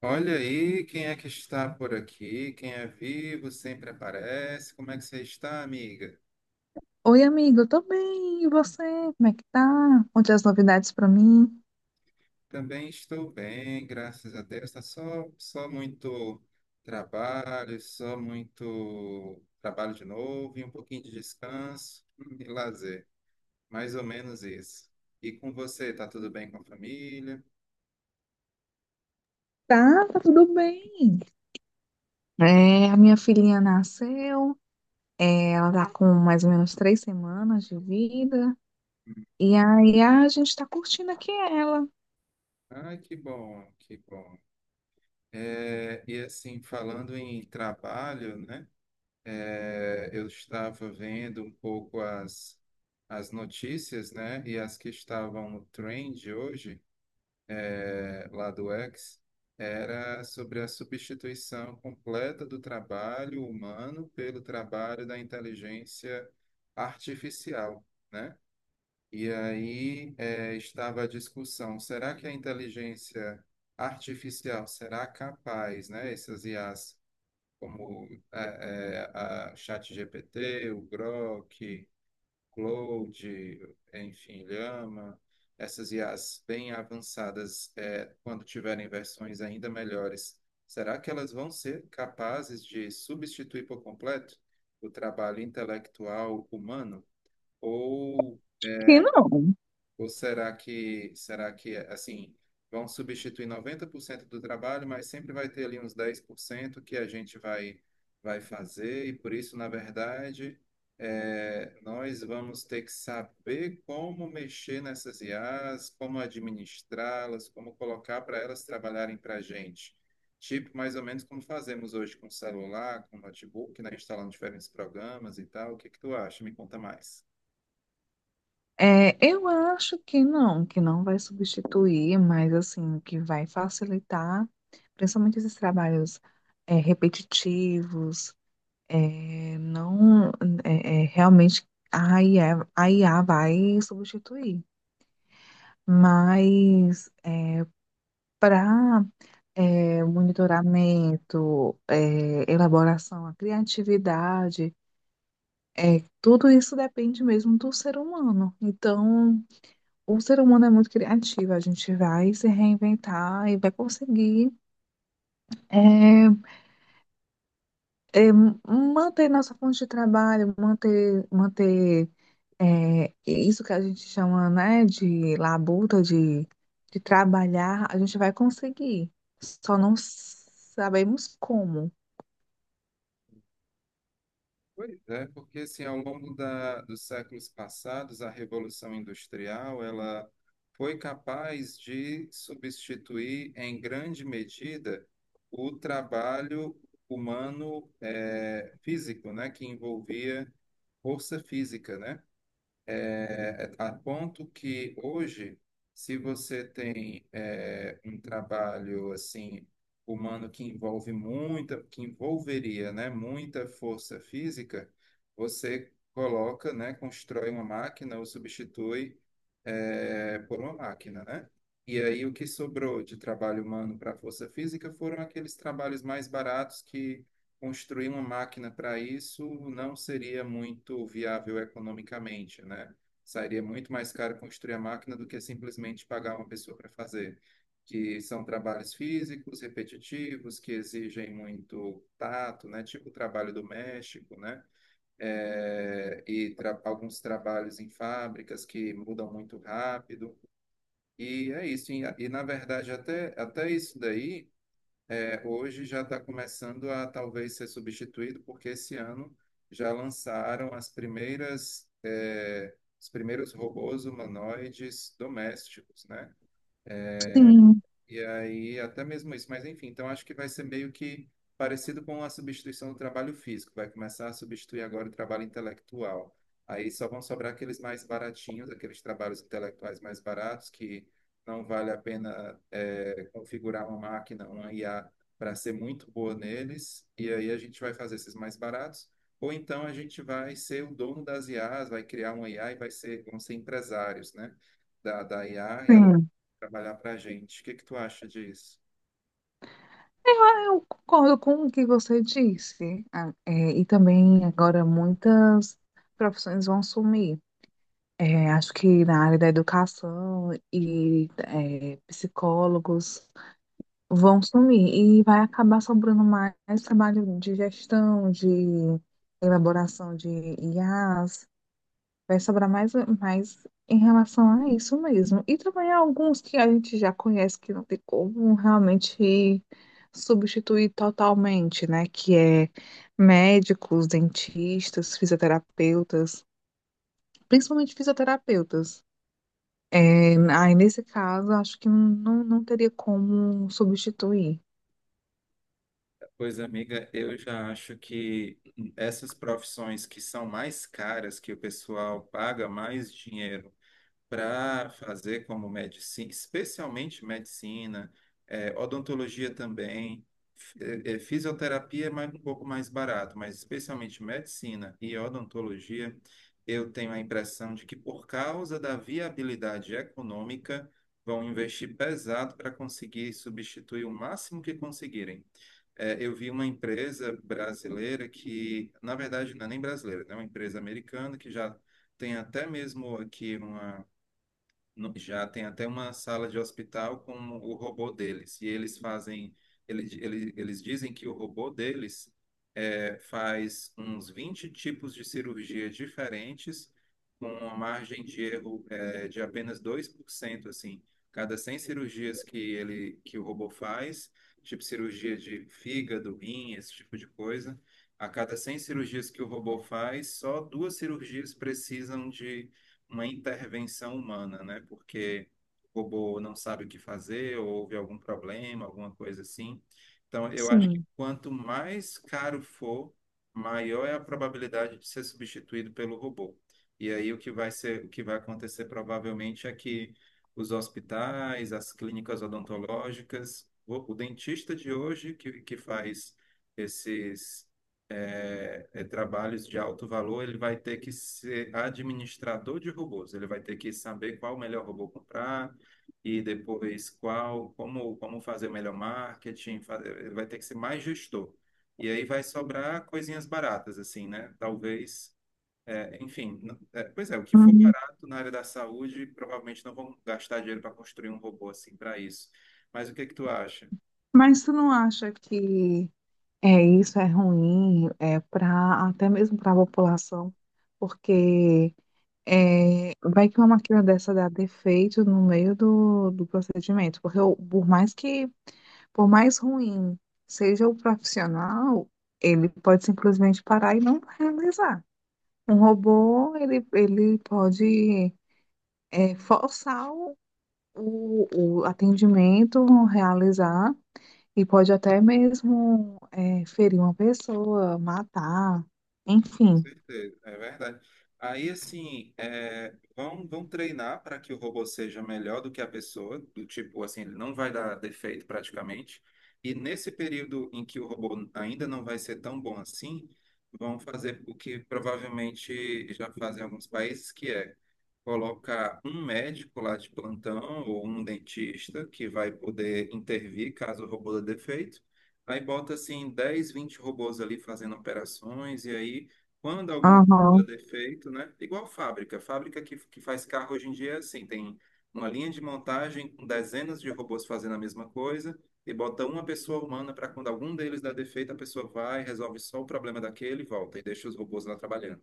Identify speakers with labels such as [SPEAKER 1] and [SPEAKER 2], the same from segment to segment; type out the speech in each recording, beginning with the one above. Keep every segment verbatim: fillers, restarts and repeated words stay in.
[SPEAKER 1] Olha aí quem é que está por aqui. Quem é vivo sempre aparece. Como é que você está, amiga?
[SPEAKER 2] Oi, amigo, eu tô bem. E você? Como é que tá? Onde as novidades pra mim?
[SPEAKER 1] Também estou bem, graças a Deus. Tá só, só muito trabalho, só muito trabalho de novo e um pouquinho de descanso hum, e lazer. Mais ou menos isso. E com você, tá tudo bem com a família?
[SPEAKER 2] Tá, tá tudo bem. É, a minha filhinha nasceu, é, ela tá com mais ou menos três semanas de vida, e aí a gente tá curtindo aqui ela.
[SPEAKER 1] Ah, que bom, que bom. É, e assim, falando em trabalho, né? É, eu estava vendo um pouco as, as notícias, né? E as que estavam no trend hoje, é, lá do X, era sobre a substituição completa do trabalho humano pelo trabalho da inteligência artificial, né? E aí, é, estava a discussão, será que a inteligência artificial será capaz, né? Essas I As como é, é, a ChatGPT, o Grok, Claude, enfim, Llama, essas I As bem avançadas, é, quando tiverem versões ainda melhores, será que elas vão ser capazes de substituir por completo o trabalho intelectual humano? Ou
[SPEAKER 2] Que não.
[SPEAKER 1] ou será que, será que, assim, vão substituir noventa por cento do trabalho, mas sempre vai ter ali uns dez por cento que a gente vai, vai fazer, e por isso, na verdade, é, nós vamos ter que saber como mexer nessas I As, como administrá-las, como colocar para elas trabalharem para a gente. Tipo, mais ou menos como fazemos hoje com celular, com notebook, né? Instalando diferentes programas e tal. O que que tu acha? Me conta mais.
[SPEAKER 2] É, eu acho que não, que não vai substituir, mas assim, que vai facilitar, principalmente esses trabalhos, é, repetitivos. É, não, é, é, realmente a I A, a I A vai substituir, mas para monitoramento, é, elaboração, a criatividade, é, tudo isso depende mesmo do ser humano. Então, o ser humano é muito criativo, a gente vai se reinventar e vai conseguir é, é, manter nossa fonte de trabalho, manter, manter É isso que a gente chama, né, de labuta, de, de trabalhar, a gente vai conseguir. Só não sabemos como.
[SPEAKER 1] Pois é, porque assim, ao longo da, dos séculos passados, a Revolução Industrial, ela foi capaz de substituir, em grande medida, o trabalho humano eh, físico, né, que envolvia força física, né? é, a ponto que hoje, se você tem é, um trabalho assim humano que envolve muita, que envolveria, né, muita força física, você coloca, né, constrói uma máquina ou substitui é, por uma máquina, né? E aí o que sobrou de trabalho humano para força física foram aqueles trabalhos mais baratos que construir uma máquina para isso não seria muito viável economicamente, né? Sairia muito mais caro construir a máquina do que simplesmente pagar uma pessoa para fazer, que são trabalhos físicos, repetitivos, que exigem muito tato, né? Tipo o trabalho doméstico, né? É, e tra- alguns trabalhos em fábricas que mudam muito rápido. E é isso. E, e, na verdade, até, até isso daí é, hoje já está começando a talvez ser substituído, porque esse ano já lançaram as primeiras, é, os primeiros robôs humanoides domésticos, né?
[SPEAKER 2] Sim,
[SPEAKER 1] E aí, até mesmo isso, mas enfim, então acho que vai ser meio que parecido com a substituição do trabalho físico, vai começar a substituir agora o trabalho intelectual. Aí só vão sobrar aqueles mais baratinhos, aqueles trabalhos intelectuais mais baratos, que não vale a pena eh, configurar uma máquina, uma I A, para ser muito boa neles, e aí a gente vai fazer esses mais baratos, ou então a gente vai ser o dono das I As, vai criar uma I A e vai ser, vão ser empresários, né? Da, da I A,
[SPEAKER 2] sim.
[SPEAKER 1] trabalhar para a gente. O que que tu acha disso?
[SPEAKER 2] Ah, eu concordo com o que você disse. Ah, é, e também agora muitas profissões vão sumir. É, acho que na área da educação e é, psicólogos, vão sumir e vai acabar sobrando mais trabalho de gestão, de elaboração de I As, vai sobrar mais, mais em relação a isso mesmo. E também alguns que a gente já conhece que não tem como realmente substituir totalmente, né? Que é médicos, dentistas, fisioterapeutas, principalmente fisioterapeutas. É, aí, nesse caso, acho que não, não teria como substituir.
[SPEAKER 1] Pois, amiga, eu já acho que essas profissões que são mais caras, que o pessoal paga mais dinheiro para fazer como medicina, especialmente medicina, eh, odontologia também, fi- eh, eh, fisioterapia é mais, um pouco mais barato, mas especialmente medicina e odontologia, eu tenho a impressão de que por causa da viabilidade econômica, vão investir pesado para conseguir substituir o máximo que conseguirem. Eh, eu vi uma empresa brasileira que, na verdade, não é nem brasileira, né? É uma empresa americana que já tem até mesmo aqui uma no- já tem até uma sala de hospital com o robô deles. E eles fazem, ele, ele, eles dizem que o robô deles é, faz uns vinte tipos de cirurgia diferentes, com uma margem de erro é, de apenas dois por cento assim. Cada cem cirurgias que ele, que o robô faz, tipo cirurgia de fígado, rim, esse tipo de coisa, a cada cem cirurgias que o robô faz, só duas cirurgias precisam uma intervenção humana, né? Porque o robô não sabe o que fazer, ou houve algum problema, alguma coisa assim. Então, eu acho que
[SPEAKER 2] Sim.
[SPEAKER 1] quanto mais caro for, maior é a probabilidade de ser substituído pelo robô. E aí o que vai ser, o que vai acontecer provavelmente é que os hospitais, as clínicas odontológicas, o, o dentista de hoje que, que faz esses é, é, trabalhos de alto valor, ele vai ter que ser administrador de robôs. Ele vai ter que saber qual o melhor robô comprar e depois qual, como, como fazer o melhor marketing. fa- Ele vai ter que ser mais gestor. E aí vai sobrar coisinhas baratas, assim, né? Talvez, é, enfim, não- é, pois é, o que for barato na área da saúde, provavelmente não vão gastar dinheiro para construir um robô assim para isso. Mas o que que tu acha?
[SPEAKER 2] Mas tu não acha que é isso é ruim é para até mesmo para a população, porque é, vai que uma máquina dessa dá defeito no meio do, do procedimento, porque o- por mais que, por mais ruim seja o profissional, ele pode simplesmente parar e não realizar. Um robô, ele, ele pode é, forçar o, o o atendimento, realizar. E pode até mesmo é, ferir uma pessoa, matar,
[SPEAKER 1] Com
[SPEAKER 2] enfim.
[SPEAKER 1] certeza, é verdade. Aí, assim, é, vão, vão treinar para que o robô seja melhor do que a pessoa, do tipo, assim, ele não vai dar defeito praticamente. E nesse período em que o robô ainda não vai ser tão bom assim, vão fazer o que provavelmente já fazem em alguns países, que é colocar um médico lá de plantão ou um dentista que vai poder intervir caso o robô dê defeito. Aí bota assim dez, vinte robôs ali fazendo operações, e aí quando algum robô dá
[SPEAKER 2] Aham,
[SPEAKER 1] defeito, né? Igual fábrica, fábrica que, que faz carro hoje em dia é assim, tem uma linha de montagem com dezenas de robôs fazendo a mesma coisa, e bota uma pessoa humana para quando algum deles dá defeito, a pessoa vai, resolve só o problema daquele e volta, e deixa os robôs lá trabalhando.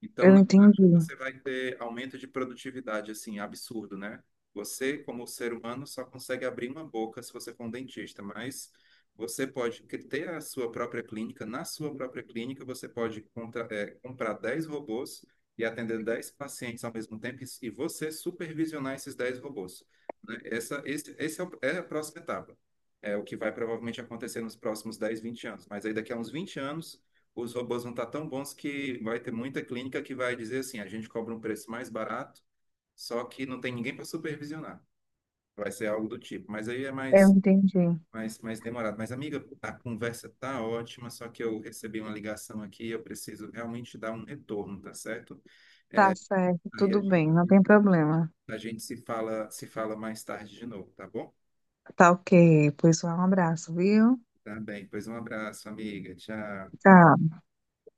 [SPEAKER 1] Então,
[SPEAKER 2] eu
[SPEAKER 1] na
[SPEAKER 2] entendi.
[SPEAKER 1] prática, você vai ter aumento de produtividade, assim, absurdo, né? Você, como ser humano, só consegue abrir uma boca se você for um dentista, mas você pode cri- ter a sua própria clínica. Na sua própria clínica, você pode contra- eh, comprar dez robôs e atender dez pacientes ao mesmo tempo e e você supervisionar esses dez robôs, né? Essa, esse, esse é, o- É a próxima etapa. É o que vai provavelmente acontecer nos próximos dez, vinte anos. Mas aí, daqui a uns vinte anos, os robôs vão estar tão bons que vai ter muita clínica que vai dizer assim, a gente cobra um preço mais barato, só que não tem ninguém para supervisionar. Vai ser algo do tipo, mas aí é
[SPEAKER 2] Eu
[SPEAKER 1] mais,
[SPEAKER 2] entendi.
[SPEAKER 1] mais, mais demorado. Mas, amiga, a conversa tá ótima, só que eu recebi uma ligação aqui e eu preciso realmente dar um retorno, tá certo?
[SPEAKER 2] Tá certo,
[SPEAKER 1] Aí a
[SPEAKER 2] tudo bem, não
[SPEAKER 1] gente,
[SPEAKER 2] tem problema.
[SPEAKER 1] a gente se fala, se fala mais tarde de novo, tá bom?
[SPEAKER 2] Tá, ok, pois um abraço, viu?
[SPEAKER 1] Tá bem, pois um abraço, amiga. Tchau.
[SPEAKER 2] Tchau.